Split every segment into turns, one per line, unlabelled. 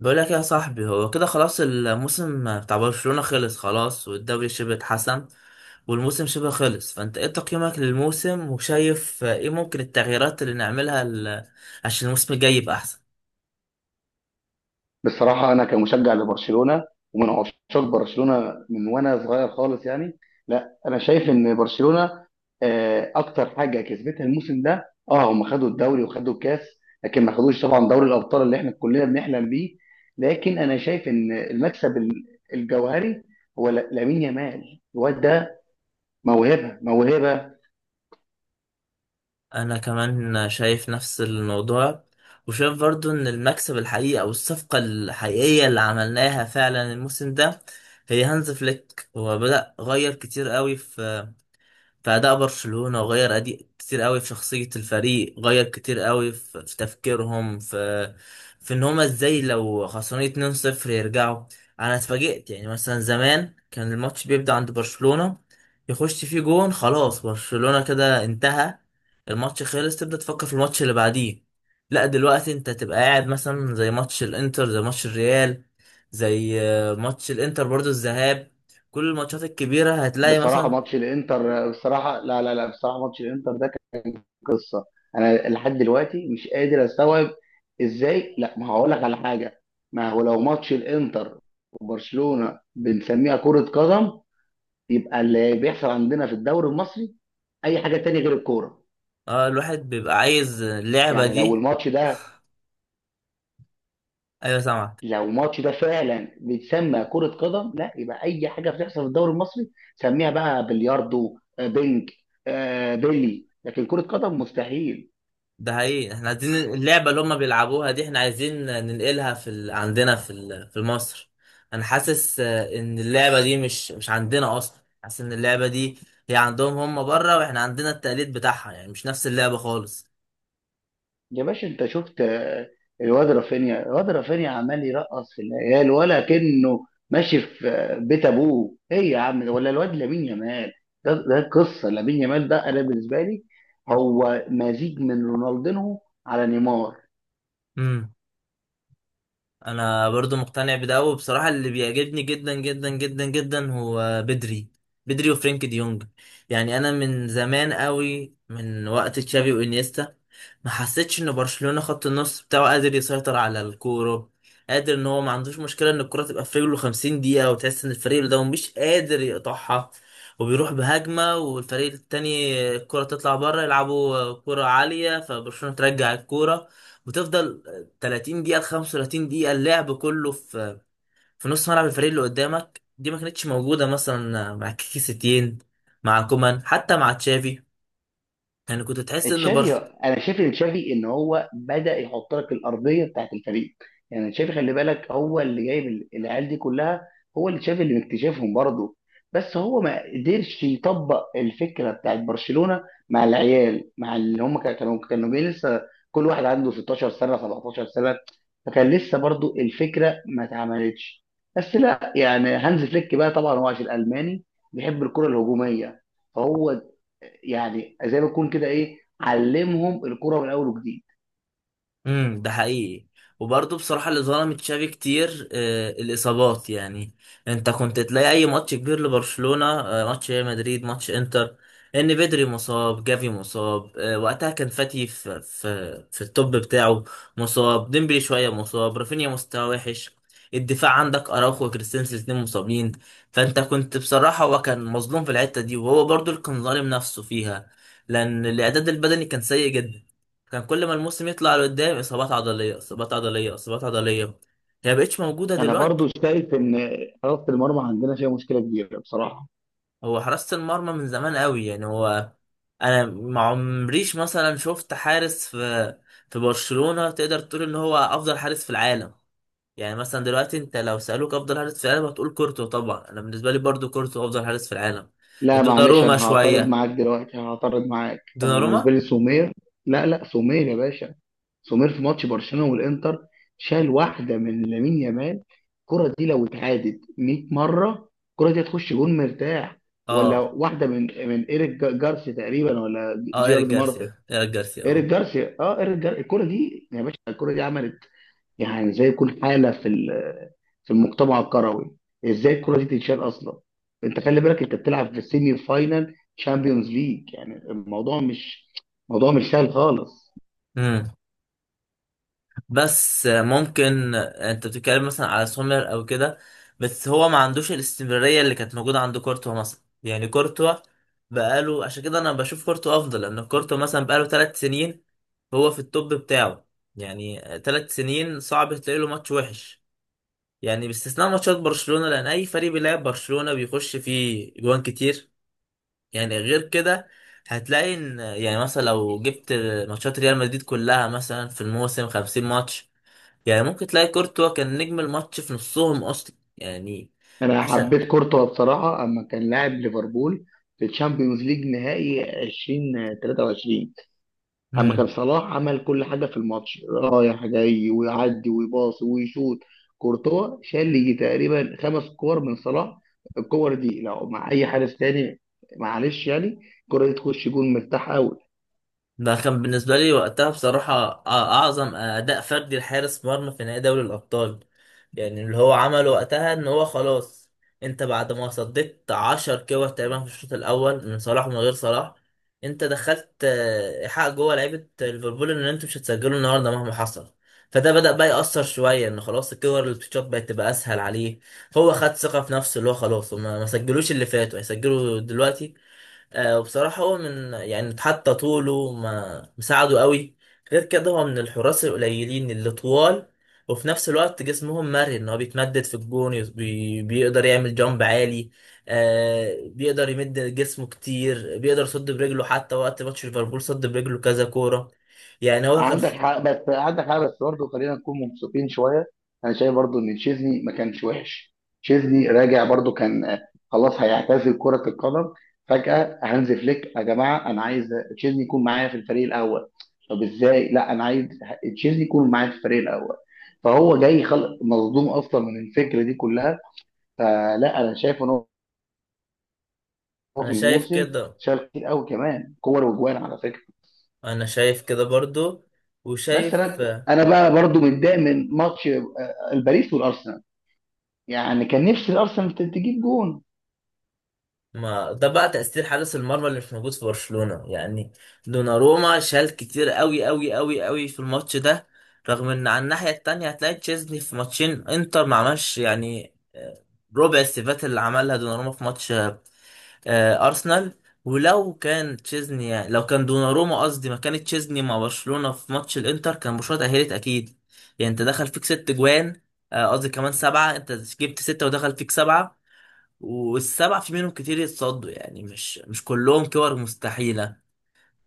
بقول لك يا صاحبي، هو كده خلاص الموسم بتاع برشلونة خلص خلاص، والدوري شبه اتحسم والموسم شبه خلص. فانت ايه تقييمك للموسم وشايف ايه ممكن التغييرات اللي نعملها عشان الموسم الجاي يبقى احسن.
بصراحة أنا كمشجع لبرشلونة ومن عشاق برشلونة من وأنا صغير خالص يعني. لا، أنا شايف إن برشلونة أكتر حاجة كسبتها الموسم ده هم خدوا الدوري وخدوا الكاس. لكن ما خدوش طبعا دوري الأبطال اللي إحنا كلنا بنحلم بيه. لكن أنا شايف إن المكسب الجوهري هو لامين يامال، الواد ده موهبة موهبة.
انا كمان شايف نفس الموضوع، وشايف برضو ان المكسب الحقيقي او الصفقة الحقيقية اللي عملناها فعلا الموسم ده هي هانز فليك. هو بدأ غير كتير قوي في أداء برشلونة، وغير أدي كتير قوي في شخصية الفريق، غير كتير قوي في تفكيرهم في في إن هما إزاي لو خسرانين 2-0 يرجعوا. أنا اتفاجئت، يعني مثلا زمان كان الماتش بيبدأ عند برشلونة يخش فيه جون خلاص برشلونة كده انتهى، الماتش خلص، تبدأ تفكر في الماتش اللي بعديه. لا دلوقتي انت تبقى قاعد مثلا زي ماتش الانتر، زي ماتش الريال، زي ماتش الانتر برضو الذهاب، كل الماتشات الكبيرة هتلاقي
بصراحة
مثلا.
ماتش الإنتر، بصراحة لا لا لا، بصراحة ماتش الإنتر ده قصه. انا لحد دلوقتي مش قادر استوعب ازاي. لا، ما هقول لك على حاجه. ما هو لو ماتش الانتر وبرشلونه بنسميها كره قدم، يبقى اللي بيحصل عندنا في الدوري المصري اي حاجه تانية غير الكوره.
اه الواحد بيبقى عايز اللعبة
يعني لو
دي.
الماتش ده
ايوه سامعك.
لو الماتش ده فعلا بيتسمى كره قدم، لا يبقى اي حاجه بتحصل في الدوري المصري. سميها بقى بلياردو، بينج، بيلي، لكن كره قدم مستحيل.
ده حقيقي، احنا عايزين اللعبة اللي هما بيلعبوها دي، احنا عايزين ننقلها عندنا في مصر. انا حاسس ان اللعبة دي مش عندنا اصلا، حاسس ان اللعبة دي هي عندهم هما بره، واحنا عندنا التقليد بتاعها يعني مش نفس اللعبة خالص.
يا باشا انت شفت الواد رافينيا عمال يرقص في العيال ولا كأنه ماشي في بيت ابوه؟ ايه يا عم، ولا الواد لامين يامال؟ ده قصه. لامين يامال ده انا بالنسبه لي هو مزيج من رونالدينو على نيمار.
امم انا برضو مقتنع بده، وبصراحة اللي بيعجبني جدا جدا جدا جدا هو بدري. بدري وفرينك دي يونج. يعني انا من زمان قوي، من وقت تشافي وانيستا، ما حسيتش ان برشلونة خط النص بتاعه قادر يسيطر على الكورة، قادر ان هو ما عندوش مشكلة ان الكرة تبقى في رجله 50 دقيقة، وتحس ان الفريق اللي قدامه مش قادر يقطعها، وبيروح بهجمة والفريق التاني الكرة تطلع بره يلعبوا كرة عالية فبرشلونة ترجع الكرة وتفضل 30 دقيقة ل 35 دقيقة اللعب كله في نص ملعب الفريق اللي قدامك. دي ما كانتش موجودة مثلا مع كيكي ستين، مع كومان، حتى مع تشافي. يعني كنت تحس ان
تشافي،
برشلونة.
انا شايف ان تشافي ان هو بدا يحط لك الارضيه بتاعت الفريق. يعني تشافي خلي بالك هو اللي جايب العيال دي كلها. هو اللي تشافي اللي مكتشفهم برضه. بس هو ما قدرش يطبق الفكره بتاعت برشلونه مع العيال، مع اللي هم كانوا جايين لسه. كل واحد عنده 16 سنه 17 سنه، فكان لسه برضه الفكره ما اتعملتش. بس لا، يعني هانز فليك بقى طبعا هو عشان الماني بيحب الكره الهجوميه. فهو يعني زي ما يكون كده ايه، علمهم الكرة من اول وجديد.
ده حقيقي. وبرضه بصراحة اللي ظلم تشافي كتير الإصابات يعني. أنت كنت تلاقي أي ماتش كبير لبرشلونة، ماتش ريال مدريد، ماتش إنتر، إن بدري مصاب، جافي مصاب، وقتها كان فاتي في التوب بتاعه مصاب، ديمبلي شوية مصاب، رافينيا مستواه وحش، الدفاع عندك أراوخو وكريستنسن الاتنين مصابين. فأنت كنت بصراحة، هو كان مظلوم في الحتة دي، وهو برضه اللي كان ظالم نفسه فيها، لأن الإعداد البدني كان سيء جدا. كان كل ما الموسم يطلع لقدام اصابات عضليه، اصابات عضليه، اصابات عضليه. هي مبقتش موجوده
انا
دلوقتي.
برضو شايف ان حراسة المرمى عندنا فيها مشكلة كبيرة بصراحة.
هو حراسه المرمى من زمان قوي، يعني هو انا ما عمريش مثلا شفت حارس في برشلونه تقدر تقول ان هو افضل حارس في العالم. يعني مثلا دلوقتي انت لو سالوك افضل حارس في العالم هتقول كورتو طبعا. انا بالنسبه لي برضو كورتو افضل حارس في العالم.
لا معلش،
دوناروما
انا هعترض
شويه.
معاك دلوقتي، هعترض معاك. انا بالنسبة
دوناروما.
لي سومير. لا لا، سومير يا باشا. سومير في ماتش برشلونة والانتر شال واحدة من لامين يامال. الكرة دي لو اتعادت 100 مرة الكرة دي هتخش جون مرتاح. ولا
اه.
واحدة من ايريك جارسيا تقريبا، ولا
اه ايريك
جيرارد مارتن.
جارسيا، ايريك جارسيا،
ايريك
اه.
جارسيا، اه، ايريك جارسيا، الكرة دي يا باشا، الكرة دي عملت، يعني زي يكون حاله في المجتمع الكروي. ازاي الكره دي تتشال اصلا؟ انت خلي بالك انت بتلعب في السيمي فاينال شامبيونز ليج، يعني الموضوع مش موضوع مش سهل خالص.
مم. بس ممكن انت بتتكلم مثلا على سومر او كده، بس هو ما عندوش الاستمرارية اللي كانت موجودة عند كورتوا مثلا. يعني كورتوا بقاله، عشان كده انا بشوف كورتوا افضل، لان كورتوا مثلا بقاله ثلاث سنين هو في التوب بتاعه. يعني ثلاث سنين صعب تلاقي له ماتش وحش، يعني باستثناء ماتشات برشلونة، لان اي فريق بيلعب برشلونة بيخش فيه جوان كتير. يعني غير كده هتلاقي ان، يعني مثلا لو جبت ماتشات ريال مدريد كلها مثلا في الموسم 50 ماتش، يعني ممكن تلاقي كورتوا كان نجم الماتش في نصهم اصلا يعني.
انا
عشان.
حبيت كورتوا بصراحه اما كان لاعب ليفربول في الشامبيونز ليج نهائي 2023. اما كان
مم.
صلاح عمل كل حاجه في الماتش رايح جاي ويعدي ويباصي ويشوط، كورتوا شال لي تقريبا خمس كور من صلاح. الكور دي لو مع اي حارس تاني، معلش يعني، الكره دي تخش جون مرتاحه.
ده كان بالنسبة لي وقتها بصراحة أعظم أداء فردي لحارس مرمى في نهائي دوري الأبطال. يعني اللي هو عمله وقتها إن هو خلاص، أنت بعد ما صديت عشر كور تقريبا في الشوط الأول من صلاح ومن غير صلاح، أنت دخلت إيحاء جوه لعيبة ليفربول إن أنتوا مش هتسجلوا النهاردة مهما حصل. فده بدأ بقى يأثر شوية، إن خلاص الكور اللي بتتشوط بقت تبقى أسهل عليه، هو خد ثقة في نفسه اللي هو خلاص، وما ما سجلوش اللي فاتوا هيسجلوا دلوقتي. وبصراحة هو من، يعني حتى طوله ما مساعده قوي. غير كده هو من الحراس القليلين اللي طوال وفي نفس الوقت جسمهم مرن، هو بيتمدد في الجون، بيقدر يعمل جامب عالي. بيقدر يمد جسمه كتير، بيقدر يصد برجله، حتى وقت ماتش ليفربول صد برجله كذا كورة. يعني هو كان.
عندك حق، بس عندك حق، بس برضه خلينا نكون مبسوطين شويه. انا شايف برضه ان تشيزني ما كانش وحش. تشيزني راجع برضه، كان خلاص هيعتزل كره القدم، فجاه هانز فليك: يا جماعه انا عايز تشيزني يكون معايا في الفريق الاول. طب ازاي؟ لا، انا عايز تشيزني يكون معايا في الفريق الاول. فهو جاي خلق مصدوم اصلا من الفكره دي كلها. فلا، انا شايف ان هو
انا
في
شايف
الموسم
كده.
شال كتير قوي كمان كور وجوان على فكره.
انا شايف كده برضو،
بس
وشايف.
انا بقى برضو متضايق من ماتش الباريس والارسنال، يعني كان نفسي الارسنال تجيب جون.
ما ده بقى تأثير حارس المرمى اللي مش موجود في برشلونة يعني. دوناروما شال كتير قوي قوي قوي قوي في الماتش ده، رغم ان على الناحية التانية هتلاقي تشيزني في ماتشين انتر ما عملش يعني ربع السيفات اللي عملها دوناروما في ماتش أرسنال. ولو كان تشيزني، يعني لو كان دوناروما قصدي، ما كانت تشيزني مع برشلونة في ماتش الانتر كان برشلونة تأهلت أكيد. يعني انت دخل فيك ست جوان، قصدي كمان سبعة، انت جبت ستة ودخل فيك سبعة، والسبع في منهم كتير يتصدوا، يعني مش كلهم كور مستحيلة.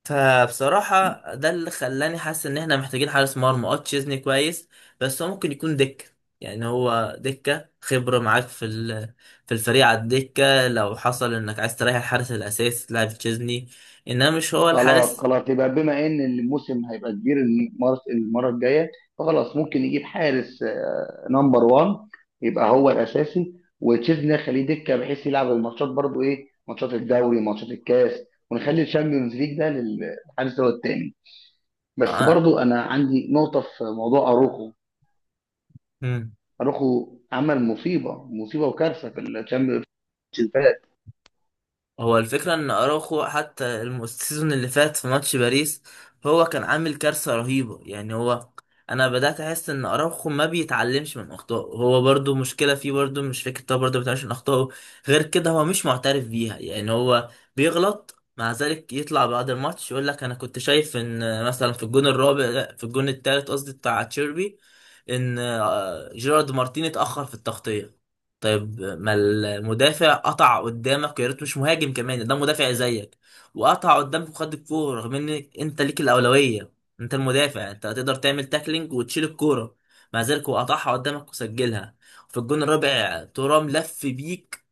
فبصراحة ده اللي خلاني حاسس ان احنا محتاجين حارس مرمى. اه تشيزني كويس، بس هو ممكن يكون دكة، يعني هو دكة خبرة معاك في الفريق، على الدكة، لو حصل انك عايز تريح الحارس الاساسي تلعب تشيزني، انما مش هو
خلاص
الحارس.
خلاص، يبقى بما ان الموسم هيبقى كبير المره الجايه فخلاص ممكن يجيب حارس، نمبر 1، يبقى هو الاساسي، وتشيزني خليه دكه بحيث يلعب الماتشات برضو ايه، ماتشات الدوري، ماتشات الكاس، ونخلي الشامبيونز ليج ده للحارس هو التاني. بس برضو انا عندي نقطه في موضوع اروخو.
آه.
اروخو عمل مصيبه مصيبه وكارثه في الشامبيونز ليج.
هو الفكرة ان اراوخو حتى السيزون اللي فات في ماتش باريس هو كان عامل كارثة رهيبة. يعني هو انا بدأت احس ان اراوخو ما بيتعلمش من اخطائه، هو برضو مشكلة فيه، برضو مش فكرة، هو برضو ما بيتعلمش من اخطائه. غير كده هو مش معترف بيها، يعني هو بيغلط، مع ذلك يطلع بعد الماتش يقول لك انا كنت شايف ان مثلا في الجون الرابع، لا، في الجون التالت قصدي، بتاع تشيربي، ان جيرارد مارتين اتأخر في التغطية. طيب ما المدافع قطع قدامك، يا ريت مش مهاجم كمان، ده مدافع زيك وقطع قدامك وخد الكوره، رغم ان انت ليك الاولويه، انت المدافع، انت هتقدر تعمل تاكلينج وتشيل الكوره، مع ذلك هو قطعها قدامك وسجلها. في الجون الرابع ترام لف بيك،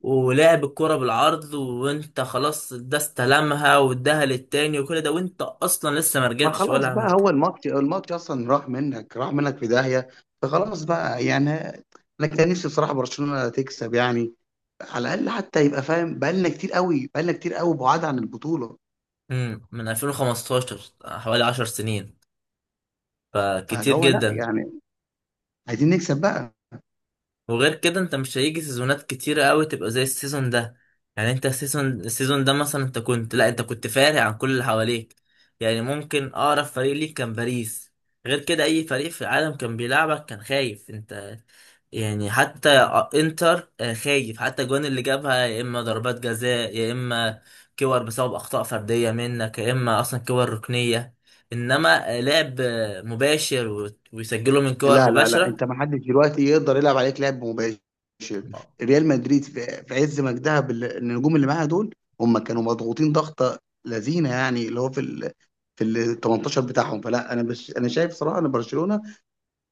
ولعب الكوره بالعرض، وانت خلاص ده استلمها واداها للتاني وكل ده وانت اصلا لسه ما
ما
رجعتش
خلاص
ولا
بقى،
عملت.
هو الماتش اصلا راح منك راح منك في داهيه، فخلاص بقى يعني انا كان نفسي بصراحه برشلونه تكسب، يعني على الاقل حتى يبقى فاهم، بقالنا كتير قوي بقالنا كتير قوي بعاد عن البطوله.
مم، من 2015، حوالي 10 سنين،
فاللي
فكتير
هو لا،
جدا.
يعني عايزين نكسب بقى.
وغير كده انت مش هيجي سيزونات كتيرة قوي تبقى زي السيزون ده. يعني انت السيزون، السيزون ده مثلا انت كنت، لا انت كنت فارق عن كل اللي حواليك، يعني ممكن اقرب فريق ليك كان باريس. غير كده اي فريق في العالم كان بيلعبك كان خايف انت، يعني حتى انتر خايف، حتى الجوان اللي جابها يا اما ضربات جزاء، يا اما كور بسبب اخطاء فرديه منك، يا اما اصلا كور ركنيه. انما لعب مباشر ويسجلوا من كور
لا لا لا،
مباشره.
انت ما حدش دلوقتي يقدر يلعب عليك لعب مباشر. ريال مدريد في عز مجدها بالنجوم اللي معاها دول، هم كانوا مضغوطين ضغطه لذينه، يعني اللي هو في ال 18 بتاعهم. فلا انا شايف صراحه ان برشلونه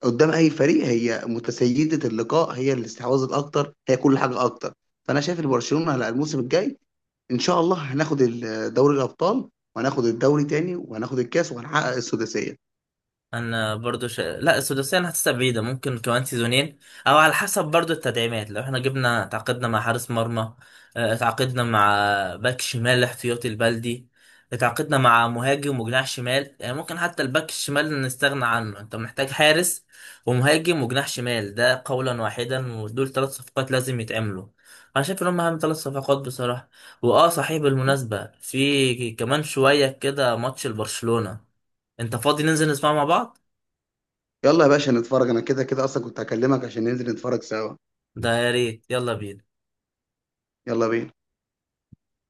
قدام اي فريق هي متسيده اللقاء، هي الاستحواذ الاكتر، هي كل حاجه اكتر. فانا شايف ان برشلونه على الموسم الجاي ان شاء الله هناخد دوري الابطال، وهناخد الدوري تاني، وهناخد الكاس، وهنحقق السداسيه.
لا السداسيه انا حاسسها بعيده، ممكن كمان سيزونين، او على حسب برضو التدعيمات. لو احنا جبنا، تعاقدنا مع حارس مرمى، اتعاقدنا مع باك شمال احتياطي البلدي، اتعاقدنا مع مهاجم وجناح شمال، يعني ممكن حتى الباك الشمال نستغنى عنه، انت محتاج حارس ومهاجم وجناح شمال ده قولا واحدا، ودول ثلاث صفقات لازم يتعملوا. انا شايف ان هم اهم ثلاث صفقات بصراحه. واه صحيح، بالمناسبه في كمان شويه كده ماتش لبرشلونه، انت فاضي ننزل نسمعه مع بعض؟
يلا يا باشا نتفرج، انا كده كده اصلا كنت هكلمك عشان ننزل نتفرج سوا.
ده يا ريت، يلا بينا.
يلا بينا.